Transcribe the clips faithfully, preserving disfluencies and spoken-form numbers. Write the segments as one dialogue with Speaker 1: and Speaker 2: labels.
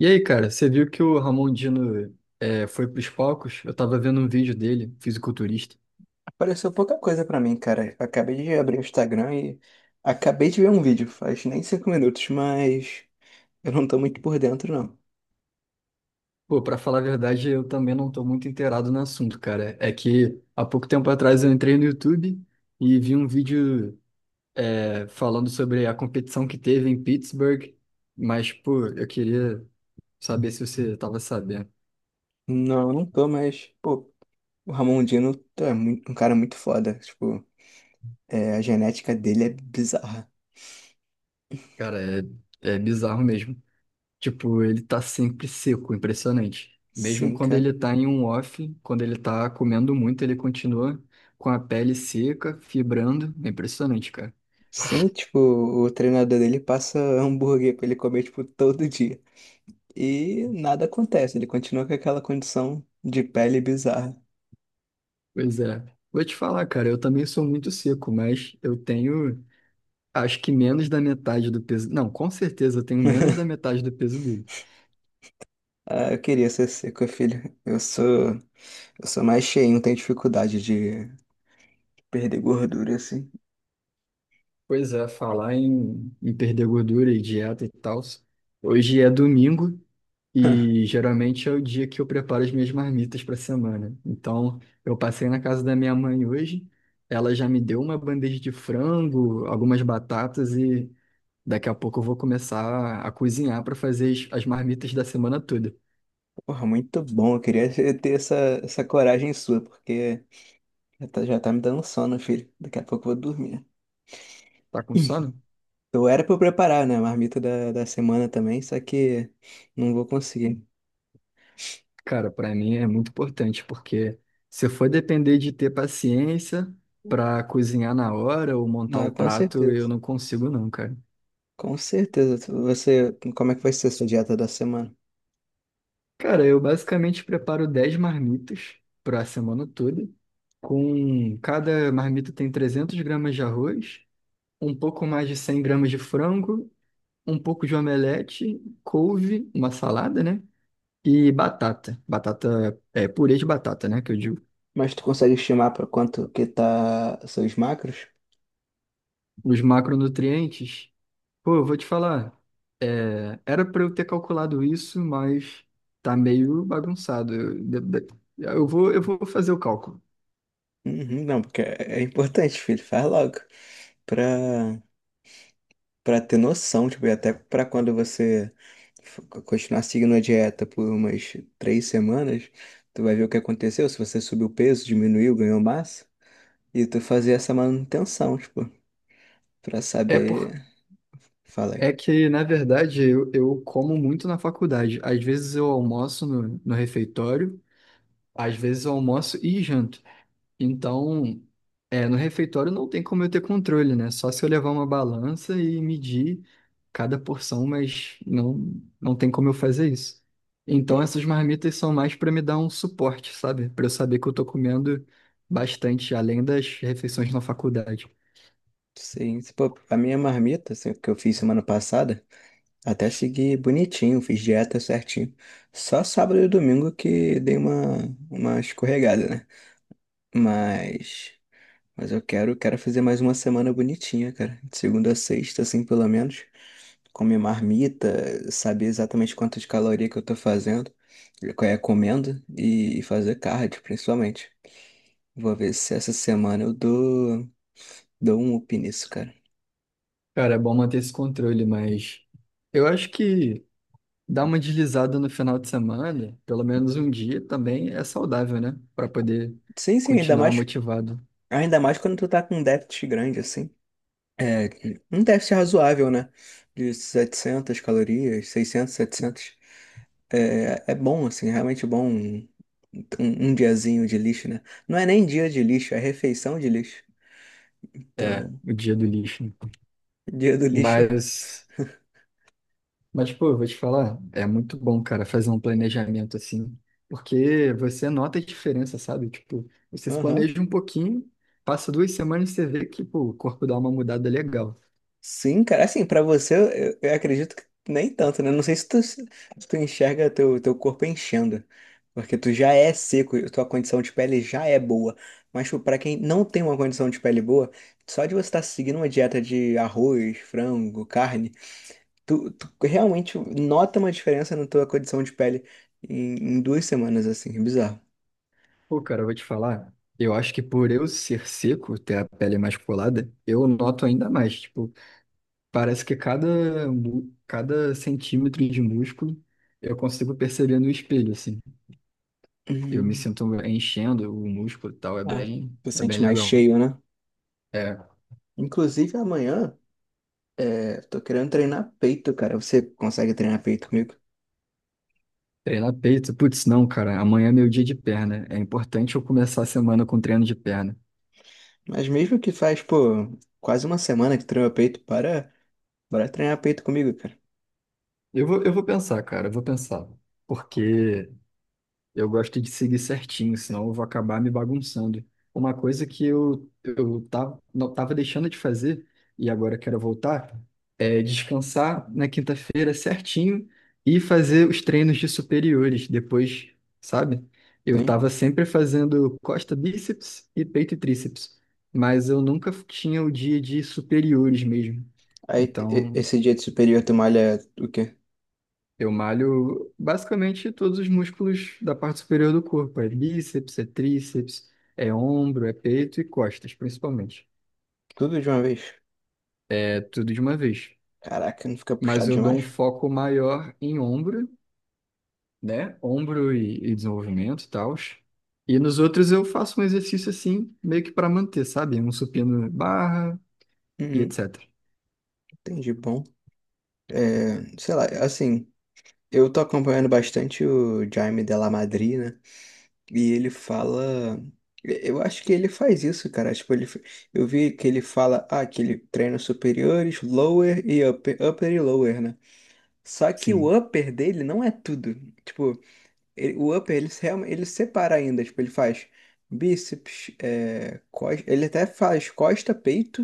Speaker 1: E aí, cara, você viu que o Ramon Dino é, foi pros palcos? Eu tava vendo um vídeo dele, fisiculturista.
Speaker 2: Pareceu pouca coisa pra mim, cara. Acabei de abrir o Instagram e acabei de ver um vídeo, faz nem cinco minutos, mas eu não tô muito por dentro, não.
Speaker 1: Pô, pra falar a verdade, eu também não tô muito inteirado no assunto, cara. É que há pouco tempo atrás eu entrei no YouTube e vi um vídeo é, falando sobre a competição que teve em Pittsburgh, mas, pô, eu queria saber se você tava sabendo.
Speaker 2: Não, não tô, mas, pô, o Ramon Dino é muito- um cara muito foda. Tipo, é, a genética dele é bizarra.
Speaker 1: Cara, é, é bizarro mesmo. Tipo, ele tá sempre seco, impressionante. Mesmo
Speaker 2: Sim,
Speaker 1: quando
Speaker 2: cara.
Speaker 1: ele tá em um off, quando ele tá comendo muito, ele continua com a pele seca, fibrando. É impressionante, cara.
Speaker 2: Sim, tipo, o treinador dele passa hambúrguer pra ele comer, tipo, todo dia. E nada acontece, ele continua com aquela condição de pele bizarra.
Speaker 1: Pois é. Vou te falar, cara, eu também sou muito seco, mas eu tenho, acho que menos da metade do peso. Não, com certeza eu tenho menos da metade do peso dele.
Speaker 2: Ah, eu queria ser seco, filho. Eu sou. Eu sou mais cheio, não tenho dificuldade de perder gordura, assim.
Speaker 1: Pois é, falar em, em perder gordura e dieta e tal. Hoje é domingo e geralmente é o dia que eu preparo as minhas marmitas para a semana. Então, eu passei na casa da minha mãe hoje, ela já me deu uma bandeja de frango, algumas batatas e daqui a pouco eu vou começar a cozinhar para fazer as, as marmitas da semana toda.
Speaker 2: Porra, muito bom. Eu queria ter essa, essa coragem sua, porque já tá, já tá me dando sono, filho. Daqui a pouco eu vou dormir.
Speaker 1: Tá com sono?
Speaker 2: Eu era pra eu preparar, né, a marmita da, da semana também, só que não vou conseguir.
Speaker 1: Cara, para mim é muito importante porque se for depender de ter paciência para cozinhar na hora ou montar
Speaker 2: Ah,
Speaker 1: o
Speaker 2: com
Speaker 1: prato, eu
Speaker 2: certeza.
Speaker 1: não consigo não, cara.
Speaker 2: Com certeza. Você, como é que vai ser a sua dieta da semana?
Speaker 1: Cara, eu basicamente preparo dez marmitas para a semana toda. Com cada marmita tem 300 gramas de arroz, um pouco mais de 100 gramas de frango, um pouco de omelete, couve, uma salada, né? E batata. Batata, é purê de batata, né? Que eu digo.
Speaker 2: Mas tu consegue estimar pra quanto que tá seus macros?
Speaker 1: Os macronutrientes, pô, eu vou te falar, é, era para eu ter calculado isso, mas tá meio bagunçado. Eu, de- de- eu vou, eu vou fazer o cálculo.
Speaker 2: Uhum, não, porque é é importante, filho. Faz logo. Pra Pra ter noção, tipo, e até pra quando você f- continuar seguindo a dieta por umas três semanas, tu vai ver o que aconteceu, se você subiu peso, diminuiu, ganhou massa, e tu fazer essa manutenção, tipo, pra
Speaker 1: É por.
Speaker 2: saber, fala aí.
Speaker 1: É que, na verdade, eu, eu como muito na faculdade. Às vezes eu almoço no, no refeitório, às vezes eu almoço e janto. Então, é, no refeitório não tem como eu ter controle, né? Só se eu levar uma balança e medir cada porção, mas não, não tem como eu fazer isso. Então,
Speaker 2: Hum,
Speaker 1: essas marmitas são mais para me dar um suporte, sabe? Para eu saber que eu tô comendo bastante, além das refeições na faculdade.
Speaker 2: sim, se pô, a minha marmita, assim, que eu fiz semana passada, até segui bonitinho, fiz dieta certinho. Só sábado e domingo que dei uma, uma escorregada, né? Mas. Mas eu quero, quero fazer mais uma semana bonitinha, cara. De segunda a sexta, assim, pelo menos. Comer marmita, saber exatamente quantas calorias que eu tô fazendo, qual é comendo e fazer cardio, principalmente. Vou ver se essa semana eu dou, dou um up nisso, cara.
Speaker 1: Cara, é bom manter esse controle, mas eu acho que. dar uma deslizada no final de semana, pelo menos um dia também é saudável, né? Para poder
Speaker 2: Sim, sim, ainda
Speaker 1: continuar
Speaker 2: mais,
Speaker 1: motivado.
Speaker 2: ainda mais quando tu tá com um déficit grande, assim. É, um déficit razoável, né? De setecentas calorias, seiscentas, setecentas. É, é bom, assim, é realmente bom um, um, um diazinho de lixo, né? Não é nem dia de lixo, é refeição de lixo.
Speaker 1: É,
Speaker 2: Então,
Speaker 1: o dia do lixo.
Speaker 2: dia do lixo é.
Speaker 1: Mas, mas pô, eu vou te falar, é muito bom, cara, fazer um planejamento assim, porque você nota a diferença, sabe? Tipo, você se
Speaker 2: Aham.
Speaker 1: planeja um pouquinho, passa duas semanas e você vê que, pô, o corpo dá uma mudada legal.
Speaker 2: Sim, cara, assim, pra você, eu, eu acredito que nem tanto, né? Não sei se tu, se tu enxerga teu, teu corpo enchendo, porque tu já é seco, e tua condição de pele já é boa. Mas, tipo, pra quem não tem uma condição de pele boa, só de você estar seguindo uma dieta de arroz, frango, carne, Tu, tu realmente nota uma diferença na tua condição de pele em, em duas semanas, assim, é bizarro.
Speaker 1: Pô, cara, eu vou te falar, eu acho que por eu ser seco, ter a pele mais colada, eu noto ainda mais, tipo, parece que cada, mu- cada centímetro de músculo eu consigo perceber no espelho, assim. Eu me
Speaker 2: Hum,
Speaker 1: sinto enchendo o músculo e tal, é
Speaker 2: ah,
Speaker 1: bem,
Speaker 2: tu
Speaker 1: é bem
Speaker 2: sente mais
Speaker 1: legal.
Speaker 2: cheio, né?
Speaker 1: É,
Speaker 2: Inclusive amanhã, é, tô querendo treinar peito, cara. Você consegue treinar peito comigo?
Speaker 1: treinar peito, putz, não, cara, amanhã é meu dia de perna. É importante eu começar a semana com treino de perna.
Speaker 2: Mas mesmo que faz, pô, quase uma semana que treina peito, para, bora treinar peito comigo, cara.
Speaker 1: Eu vou, eu vou pensar, cara, eu vou pensar. Porque eu gosto de seguir certinho, senão eu vou acabar me bagunçando. Uma coisa que eu, eu tava, não, tava deixando de fazer e agora quero voltar é descansar na quinta-feira certinho e fazer os treinos de superiores depois, sabe? Eu
Speaker 2: Sim.
Speaker 1: tava sempre fazendo costa, bíceps e peito e tríceps, mas eu nunca tinha o dia de superiores mesmo.
Speaker 2: Aí t- e-
Speaker 1: Então,
Speaker 2: esse dia de superior tu malha o quê?
Speaker 1: eu malho basicamente todos os músculos da parte superior do corpo. É bíceps, é tríceps, é ombro, é peito e costas, principalmente.
Speaker 2: Tudo de uma vez?
Speaker 1: É tudo de uma vez.
Speaker 2: Caraca, não fica puxado
Speaker 1: Mas eu dou um
Speaker 2: demais?
Speaker 1: foco maior em ombro, né? Ombro e, e desenvolvimento e tal. E nos outros eu faço um exercício assim, meio que para manter, sabe? Um supino barra e
Speaker 2: Uhum,
Speaker 1: etcétera.
Speaker 2: entendi, bom. É, sei lá, assim. Eu tô acompanhando bastante o Jaime de la Madrid, né? E ele fala. Eu acho que ele faz isso, cara. Tipo, ele... Eu vi que ele fala, ah, que ele treina superiores, lower e upper, upper e lower, né? Só que
Speaker 1: Sim,
Speaker 2: o upper dele não é tudo. Tipo, ele- o upper ele, se- realmente- ele separa ainda. Tipo, ele faz bíceps, é... cos- ele até faz costa, peito,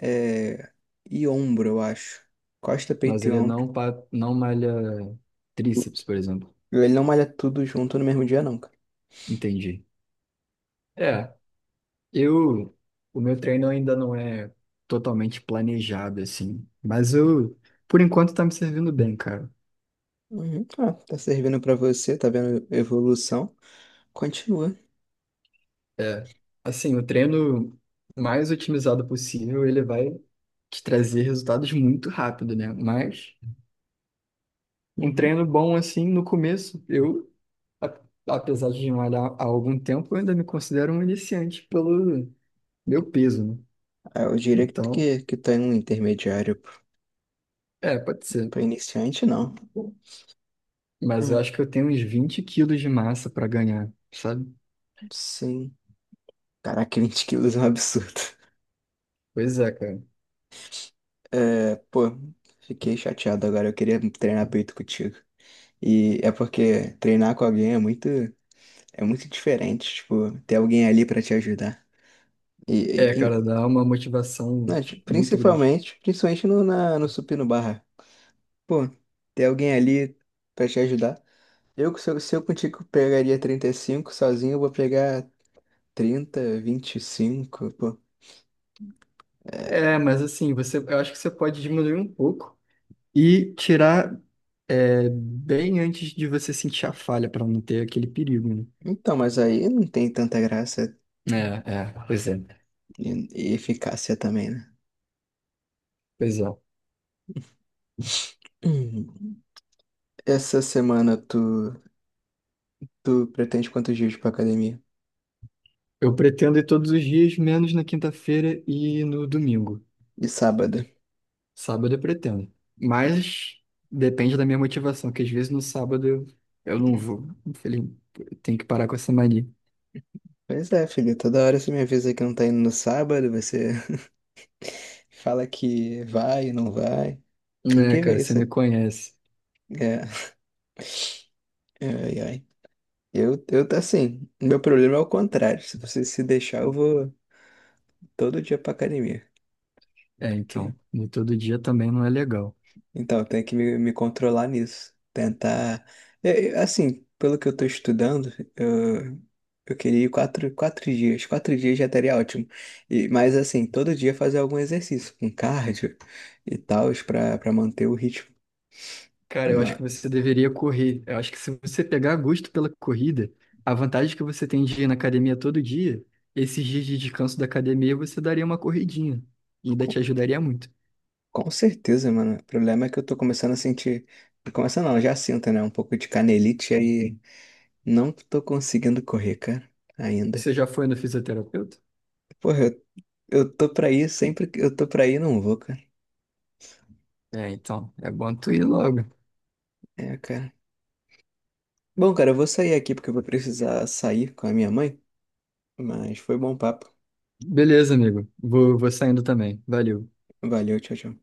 Speaker 2: é... e ombro, eu acho. Costa,
Speaker 1: mas
Speaker 2: peito e
Speaker 1: ele
Speaker 2: ombro.
Speaker 1: não, pa- não malha tríceps, por exemplo.
Speaker 2: Ele não malha tudo junto no mesmo dia, não, cara.
Speaker 1: Entendi. É, Eu, o meu treino ainda não é totalmente planejado, assim, mas eu, por enquanto, tá me servindo bem, cara.
Speaker 2: Uhum, tá, tá servindo pra você, tá vendo evolução, continua.
Speaker 1: É, assim, o treino mais otimizado possível, ele vai te trazer resultados muito rápido, né? Mas um
Speaker 2: Uhum.
Speaker 1: treino bom, assim, no começo, eu, a- apesar de malhar há algum tempo, eu ainda me considero um iniciante pelo meu peso, né?
Speaker 2: Ah, eu diria
Speaker 1: Então,
Speaker 2: que, que tá em um intermediário p-
Speaker 1: é, pode ser.
Speaker 2: pra iniciante, não.
Speaker 1: Mas
Speaker 2: Hum,
Speaker 1: eu acho que eu tenho uns vinte quilos de massa para ganhar, sabe?
Speaker 2: sim. Caraca, vinte quilos é um absurdo.
Speaker 1: Pois é, cara.
Speaker 2: É, pô, fiquei chateado agora, eu queria treinar peito contigo. E é porque treinar com alguém é muito, é muito, diferente, tipo, ter alguém ali pra te ajudar. E,
Speaker 1: É,
Speaker 2: e-
Speaker 1: cara, dá
Speaker 2: e-
Speaker 1: uma motivação
Speaker 2: não, tipo,
Speaker 1: muito grande.
Speaker 2: principalmente, principalmente no, na, no supino barra. Pô, ter alguém ali pra te ajudar. Eu, se eu, se eu contigo pegaria trinta e cinco sozinho, eu vou pegar trinta, vinte e cinco, pô.
Speaker 1: É, mas assim, você, eu acho que você pode diminuir um pouco e tirar é, bem antes de você sentir a falha, para não ter aquele perigo, né?
Speaker 2: Então, mas aí não tem tanta graça
Speaker 1: É, é, pois é,
Speaker 2: e, e eficácia também, né?
Speaker 1: pois é.
Speaker 2: Hum. Essa semana tu, tu pretende quantos dias pra academia?
Speaker 1: Eu pretendo ir todos os dias, menos na quinta-feira e no domingo.
Speaker 2: E sábado?
Speaker 1: Sábado eu pretendo. Mas depende da minha motivação, que às vezes no sábado eu, eu não vou. Infelizmente, eu tenho que parar com essa mania.
Speaker 2: Pois é, filho, toda hora você me avisa que não tá indo no sábado, você fala que vai e não vai. Tem
Speaker 1: É,
Speaker 2: que
Speaker 1: cara,
Speaker 2: ver
Speaker 1: você
Speaker 2: isso.
Speaker 1: me
Speaker 2: aí.
Speaker 1: conhece.
Speaker 2: É, ai, ai. Eu, eu tá assim, meu problema é o contrário. Se você se deixar, eu vou. todo dia pra academia.
Speaker 1: É,
Speaker 2: Porque...
Speaker 1: então, e todo dia também não é legal.
Speaker 2: Então, eu tenho que me, me controlar nisso. Tentar. é, é, assim, pelo que eu tô estudando, eu, eu queria ir quatro, quatro dias. Quatro dias já estaria ótimo. E, mas, assim, todo dia fazer algum exercício, com cardio e tal, pra, pra manter o ritmo.
Speaker 1: Cara, eu acho
Speaker 2: Ma-
Speaker 1: que você deveria correr. Eu acho que se você pegar gosto pela corrida, a vantagem que você tem de ir na academia todo dia, esses dias de descanso da academia, você daria uma corridinha. E ainda
Speaker 2: Com,
Speaker 1: te ajudaria muito.
Speaker 2: com certeza, mano. O problema é que eu tô começando a sentir. Começando não, já sinto, né? Um pouco de canelite aí. Não tô conseguindo correr, cara, ainda.
Speaker 1: Você já foi no fisioterapeuta?
Speaker 2: Porra, eu tô pra ir sempre que eu tô pra ir, não vou, cara.
Speaker 1: É, então, é bom tu ir logo.
Speaker 2: É, cara. Bom, cara, eu vou sair aqui porque eu vou precisar sair com a minha mãe, mas foi bom papo.
Speaker 1: Beleza, amigo. Vou, vou saindo também. Valeu.
Speaker 2: Valeu, tchau, tchau.